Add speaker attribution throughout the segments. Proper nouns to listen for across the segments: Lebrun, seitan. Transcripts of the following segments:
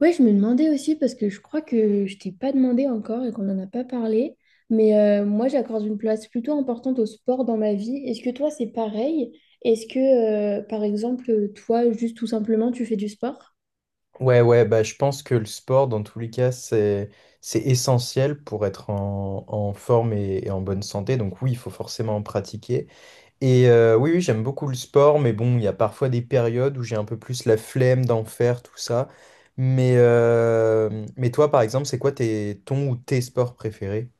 Speaker 1: Ouais, je me demandais aussi parce que je crois que je t'ai pas demandé encore et qu'on n'en a pas parlé. Mais moi, j'accorde une place plutôt importante au sport dans ma vie. Est-ce que toi, c'est pareil? Est-ce que, par exemple, toi, juste tout simplement, tu fais du sport?
Speaker 2: Ouais, ouais, bah, je pense que le sport, dans tous les cas, c'est essentiel pour être en forme et en bonne santé. Donc oui, il faut forcément en pratiquer. Et oui, oui, j'aime beaucoup le sport, mais bon, il y a parfois des périodes où j'ai un peu plus la flemme d'en faire, tout ça. Mais toi, par exemple, c'est quoi tes, ton ou tes sports préférés?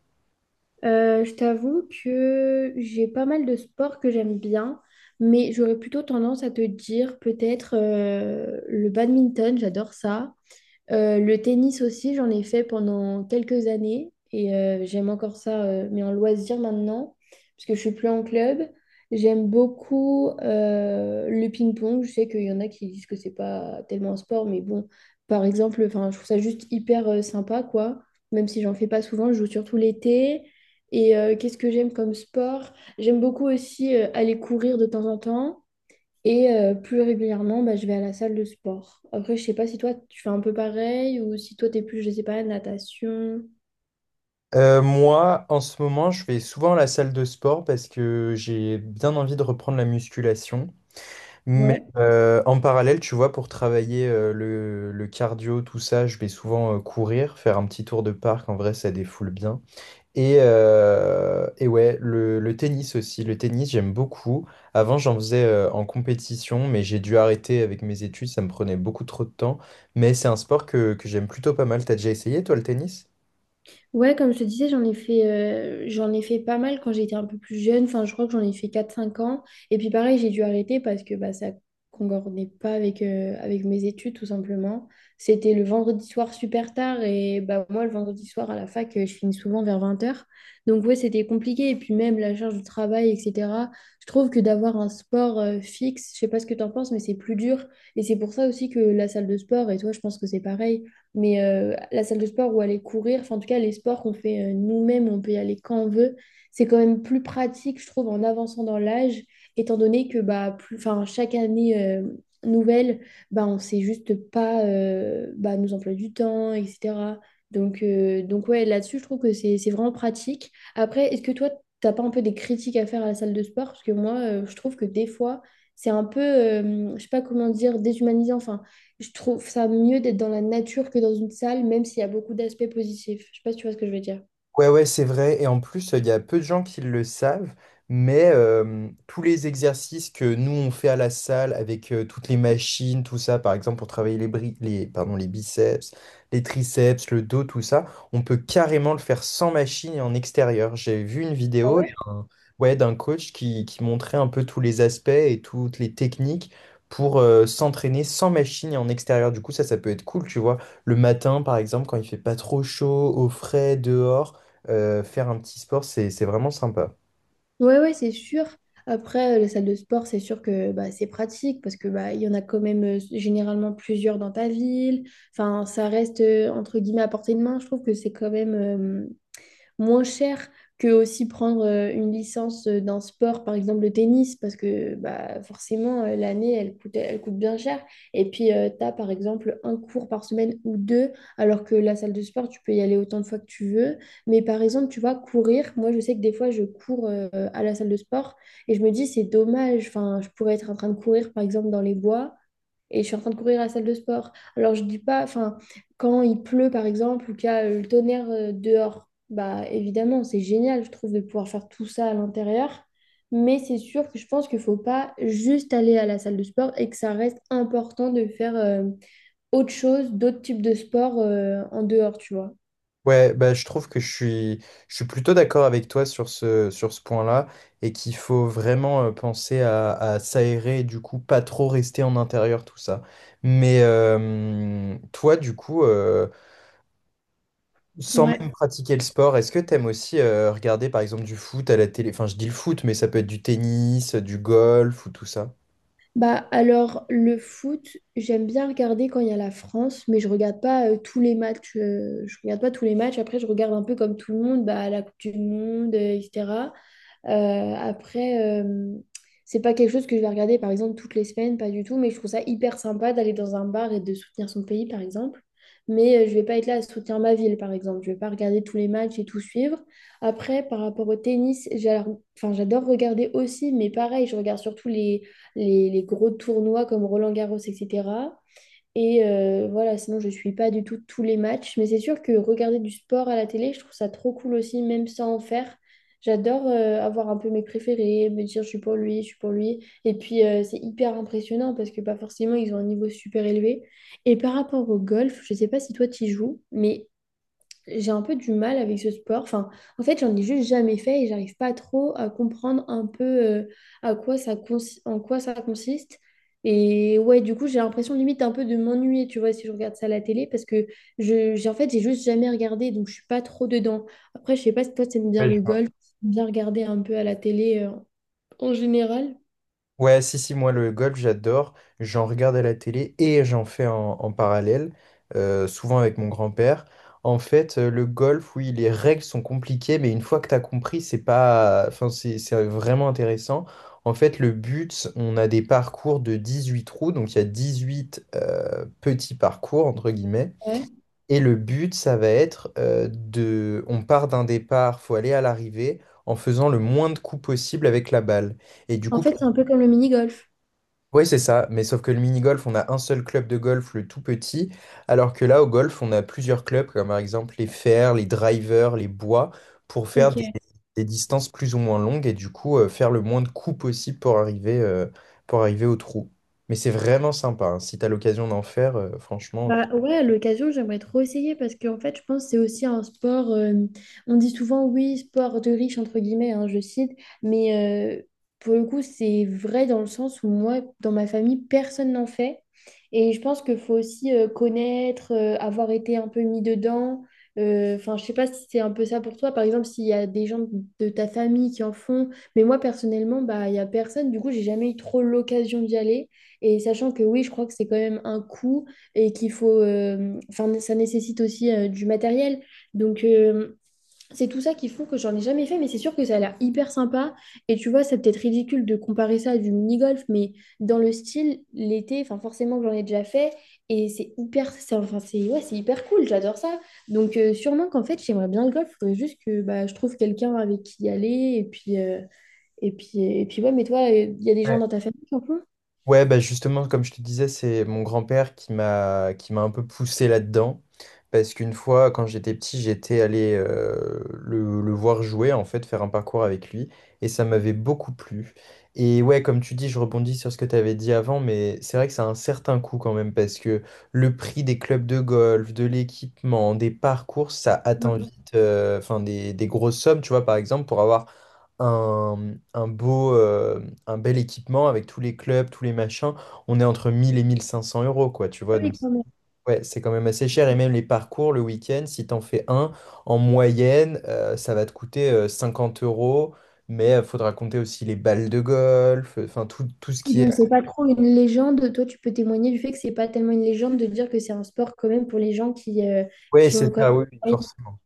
Speaker 1: Je t'avoue que j'ai pas mal de sports que j'aime bien, mais j'aurais plutôt tendance à te dire peut-être le badminton, j'adore ça. Le tennis aussi, j'en ai fait pendant quelques années et j'aime encore ça, mais en loisir maintenant, parce que je suis plus en club. J'aime beaucoup le ping-pong. Je sais qu'il y en a qui disent que c'est pas tellement un sport, mais bon, par exemple, enfin, je trouve ça juste hyper sympa, quoi. Même si j'en fais pas souvent, je joue surtout l'été. Et qu'est-ce que j'aime comme sport? J'aime beaucoup aussi aller courir de temps en temps. Et plus régulièrement, bah, je vais à la salle de sport. Après, je sais pas si toi, tu fais un peu pareil ou si toi, t'es plus, je sais pas, natation.
Speaker 2: Moi, en ce moment, je vais souvent à la salle de sport parce que j'ai bien envie de reprendre la musculation. Mais
Speaker 1: Ouais.
Speaker 2: en parallèle, tu vois, pour travailler le cardio, tout ça, je vais souvent courir, faire un petit tour de parc. En vrai, ça défoule bien. Et ouais, le tennis aussi. Le tennis, j'aime beaucoup. Avant, j'en faisais en compétition, mais j'ai dû arrêter avec mes études. Ça me prenait beaucoup trop de temps. Mais c'est un sport que j'aime plutôt pas mal. T'as déjà essayé, toi, le tennis?
Speaker 1: Ouais, comme je te disais, j'en ai fait pas mal quand j'étais un peu plus jeune. Enfin, je crois que j'en ai fait 4, 5 ans. Et puis pareil, j'ai dû arrêter parce que bah, ça concordait pas avec mes études, tout simplement. C'était le vendredi soir super tard. Et bah, moi, le vendredi soir à la fac, je finis souvent vers 20 heures. Donc ouais, c'était compliqué. Et puis même la charge du travail, etc. Je trouve que d'avoir un sport fixe, je sais pas ce que tu en penses, mais c'est plus dur. Et c'est pour ça aussi que la salle de sport, et toi, je pense que c'est pareil mais la salle de sport où aller courir, enfin en tout cas les sports qu'on fait nous-mêmes, on peut y aller quand on veut, c'est quand même plus pratique, je trouve, en avançant dans l'âge, étant donné que bah, plus, enfin, chaque année nouvelle, bah, on ne sait juste pas bah, nous employer du temps, etc. Donc ouais, là-dessus, je trouve que c'est vraiment pratique. Après, est-ce que toi, t'as pas un peu des critiques à faire à la salle de sport? Parce que moi, je trouve que des fois, c'est un peu, je sais pas comment dire, déshumanisant. Enfin, je trouve ça mieux d'être dans la nature que dans une salle, même s'il y a beaucoup d'aspects positifs. Je sais pas si tu vois ce que je veux dire.
Speaker 2: Ouais, ouais, c'est vrai. Et en plus, il y a peu de gens qui le savent, mais tous les exercices que nous, on fait à la salle avec toutes les machines, tout ça, par exemple, pour travailler les, pardon, les biceps, les triceps, le dos, tout ça, on peut carrément le faire sans machine et en extérieur. J'ai vu une
Speaker 1: Ah
Speaker 2: vidéo
Speaker 1: ouais?
Speaker 2: ouais, d'un coach qui montrait un peu tous les aspects et toutes les techniques pour s'entraîner sans machine et en extérieur. Du coup, ça peut être cool, tu vois. Le matin, par exemple, quand il fait pas trop chaud, au frais, dehors. Faire un petit sport, c'est vraiment sympa.
Speaker 1: Ouais, ouais, c'est sûr. Après, les salles de sport, c'est sûr que bah, c'est pratique parce que bah, il y en a quand même généralement plusieurs dans ta ville. Enfin, ça reste entre guillemets à portée de main. Je trouve que c'est quand même moins cher que aussi prendre une licence d'un sport, par exemple le tennis, parce que bah, forcément, l'année, elle coûte bien cher. Et puis, tu as par exemple un cours par semaine ou deux, alors que la salle de sport, tu peux y aller autant de fois que tu veux. Mais par exemple, tu vois, courir, moi, je sais que des fois, je cours à la salle de sport et je me dis, c'est dommage, enfin, je pourrais être en train de courir, par exemple, dans les bois et je suis en train de courir à la salle de sport. Alors, je dis pas, enfin, quand il pleut, par exemple, ou qu'il y a le tonnerre dehors, bah évidemment, c'est génial, je trouve, de pouvoir faire tout ça à l'intérieur. Mais c'est sûr que je pense qu'il ne faut pas juste aller à la salle de sport et que ça reste important de faire autre chose, d'autres types de sport en dehors, tu vois.
Speaker 2: Ouais, bah, je trouve que je suis plutôt d'accord avec toi sur ce point-là et qu'il faut vraiment penser à s'aérer et du coup pas trop rester en intérieur, tout ça. Mais toi, du coup, sans
Speaker 1: Ouais.
Speaker 2: même pratiquer le sport, est-ce que t'aimes aussi regarder par exemple du foot à la télé? Enfin, je dis le foot, mais ça peut être du tennis, du golf ou tout ça.
Speaker 1: Bah alors le foot, j'aime bien regarder quand il y a la France, mais je regarde pas tous les matchs. Je regarde pas tous les matchs. Après, je regarde un peu comme tout le monde, bah, la Coupe du Monde, etc. Euh, après, c'est pas quelque chose que je vais regarder par exemple toutes les semaines, pas du tout. Mais je trouve ça hyper sympa d'aller dans un bar et de soutenir son pays, par exemple. Mais je vais pas être là à soutenir ma ville, par exemple. Je vais pas regarder tous les matchs et tout suivre. Après, par rapport au tennis, enfin, j'adore regarder aussi, mais pareil, je regarde surtout les gros tournois comme Roland-Garros, etc. Et voilà, sinon je suis pas du tout tous les matchs, mais c'est sûr que regarder du sport à la télé, je trouve ça trop cool aussi, même sans en faire. J'adore avoir un peu mes préférés, me dire je suis pour lui, je suis pour lui. Et puis c'est hyper impressionnant parce que pas forcément ils ont un niveau super élevé. Et par rapport au golf, je sais pas si toi tu joues, mais j'ai un peu du mal avec ce sport. Enfin, en fait, j'en ai juste jamais fait et j'arrive pas trop à comprendre un peu à quoi ça consi- en quoi ça consiste. Et ouais, du coup, j'ai l'impression limite un peu de m'ennuyer, tu vois, si je regarde ça à la télé, parce que j'ai, en fait, j'ai juste jamais regardé, donc je suis pas trop dedans. Après, je sais pas si toi, t'aimes bien le golf, t'aimes bien regarder un peu à la télé en général.
Speaker 2: Ouais, si, si, moi le golf, j'adore. J'en regarde à la télé et j'en fais en parallèle, souvent avec mon grand-père. En fait, le golf, oui, les règles sont compliquées, mais une fois que tu as compris, c'est pas, enfin, c'est vraiment intéressant. En fait, le but, on a des parcours de 18 trous, donc il y a 18 petits parcours, entre guillemets.
Speaker 1: Ouais.
Speaker 2: Et le but, ça va être de... On part d'un départ, faut aller à l'arrivée en faisant le moins de coups possible avec la balle. Et du
Speaker 1: En
Speaker 2: coup,
Speaker 1: fait, c'est un peu comme le mini-golf.
Speaker 2: oui, c'est ça, mais sauf que le mini-golf, on a un seul club de golf, le tout petit, alors que là, au golf, on a plusieurs clubs, comme par exemple les fers, les drivers, les bois, pour faire des,
Speaker 1: Ok.
Speaker 2: des distances plus ou moins longues et du coup, faire le moins de coups possible pour arriver au trou. Mais c'est vraiment sympa, hein. Si tu as l'occasion d'en faire, franchement.
Speaker 1: Bah ouais, à l'occasion, j'aimerais trop essayer parce qu'en fait, je pense que c'est aussi un sport. On dit souvent, oui, sport de riche, entre guillemets, hein, je cite, mais pour le coup, c'est vrai dans le sens où moi, dans ma famille, personne n'en fait. Et je pense qu'il faut aussi connaître, avoir été un peu mis dedans. Enfin, je sais pas si c'est un peu ça pour toi. Par exemple, s'il y a des gens de ta famille qui en font, mais moi, personnellement, bah, il y a personne. Du coup, j'ai jamais eu trop l'occasion d'y aller. Et sachant que oui, je crois que c'est quand même un coût et qu'il faut, enfin, ça nécessite aussi du matériel. Donc, c'est tout ça qui font que j'en ai jamais fait, mais c'est sûr que ça a l'air hyper sympa. Et tu vois, c'est peut-être ridicule de comparer ça à du mini-golf, mais dans le style, l'été, enfin, forcément que j'en ai déjà fait, et c'est hyper, c'est, enfin, c'est, ouais, c'est hyper cool, j'adore ça. Donc, sûrement qu'en fait, j'aimerais bien le golf, il faudrait juste que bah, je trouve quelqu'un avec qui y aller, et puis, ouais, mais toi, il y a des gens dans ta famille qui en font?
Speaker 2: Ouais, bah justement, comme je te disais, c'est mon grand-père qui m'a un peu poussé là-dedans. Parce qu'une fois, quand j'étais petit, j'étais allé le voir jouer, en fait, faire un parcours avec lui. Et ça m'avait beaucoup plu. Et ouais, comme tu dis, je rebondis sur ce que tu avais dit avant, mais c'est vrai que ça a un certain coût quand même, parce que le prix des clubs de golf, de l'équipement, des parcours, ça atteint vite, enfin, des grosses sommes, tu vois, par exemple, pour avoir un beau, un bel équipement avec tous les clubs, tous les machins, on est entre 1000 et 1500 euros, quoi, tu vois.
Speaker 1: Ouais.
Speaker 2: Donc, ouais, c'est quand même assez cher. Et même les parcours le week-end, si t'en fais un, en moyenne, ça va te coûter 50 euros. Mais il faudra compter aussi les balles de golf, enfin tout, tout ce qui est.
Speaker 1: Donc, c'est pas trop une légende. Toi, tu peux témoigner du fait que c'est pas tellement une légende de dire que c'est un sport quand même pour les gens qui, euh,
Speaker 2: Ouais,
Speaker 1: qui ont
Speaker 2: c'est
Speaker 1: quand même
Speaker 2: ça, oui, oui, forcément.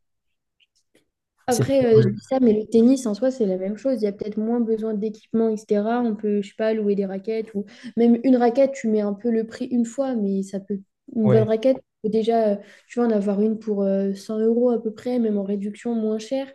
Speaker 2: C'est
Speaker 1: après,
Speaker 2: pas
Speaker 1: je
Speaker 2: bleu.
Speaker 1: dis ça, mais le tennis en soi, c'est la même chose. Il y a peut-être moins besoin d'équipement, etc. On peut, je sais pas, louer des raquettes ou même une raquette, tu mets un peu le prix une fois, mais ça peut, une bonne raquette, tu peux déjà, tu vas en avoir une pour 100 euros à peu près, même en réduction moins cher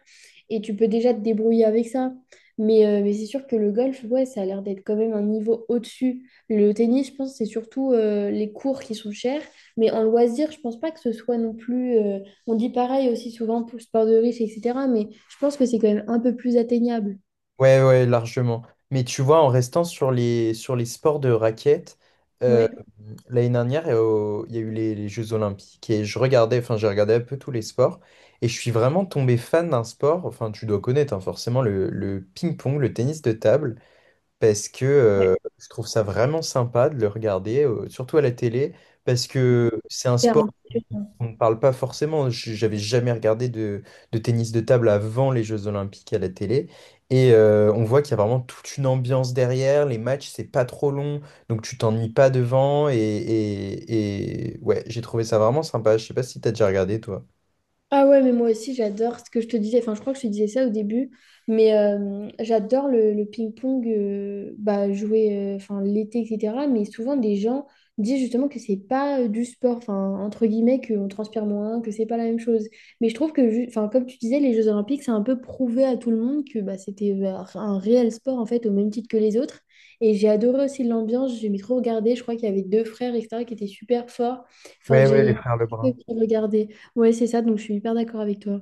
Speaker 1: Et tu peux déjà te débrouiller avec ça. Mais c'est sûr que le golf, ouais, ça a l'air d'être quand même un niveau au-dessus. Le tennis, je pense, c'est surtout les cours qui sont chers. Mais en loisir, je pense pas que ce soit non plus. On dit pareil aussi souvent pour le sport de riche, etc. Mais je pense que c'est quand même un peu plus atteignable.
Speaker 2: Ouais, ouais, largement. Mais tu vois, en restant sur les sports de raquettes, euh,
Speaker 1: Ouais.
Speaker 2: l'année dernière, il y a eu les Jeux Olympiques et je regardais, enfin, j'ai regardé un peu tous les sports et je suis vraiment tombé fan d'un sport, enfin, tu dois connaître hein, forcément le ping-pong, le tennis de table, parce que
Speaker 1: Ouais.
Speaker 2: je trouve ça vraiment sympa de le regarder, surtout à la télé, parce que c'est un sport. On ne parle pas forcément, j'avais jamais regardé de tennis de table avant les Jeux Olympiques à la télé. Et on voit qu'il y a vraiment toute une ambiance derrière, les matchs, c'est pas trop long, donc tu t'ennuies pas devant. Et ouais, j'ai trouvé ça vraiment sympa. Je sais pas si t'as déjà regardé toi.
Speaker 1: Ah ouais, mais moi aussi j'adore ce que je te disais, enfin je crois que je te disais ça au début, mais j'adore le ping-pong bah, jouer enfin, l'été, etc. Mais souvent des gens disent justement que c'est pas du sport, enfin entre guillemets, qu'on transpire moins, que c'est pas la même chose. Mais je trouve que, enfin, comme tu disais, les Jeux Olympiques, c'est un peu prouvé à tout le monde que bah, c'était enfin, un réel sport en fait, au même titre que les autres. Et j'ai adoré aussi l'ambiance, j'aimais trop regarder, je crois qu'il y avait deux frères, etc., qui étaient super forts. Enfin,
Speaker 2: Ouais, ouais, les
Speaker 1: j'ai
Speaker 2: frères Lebrun.
Speaker 1: regardé. Ouais, c'est ça, donc je suis hyper d'accord avec toi.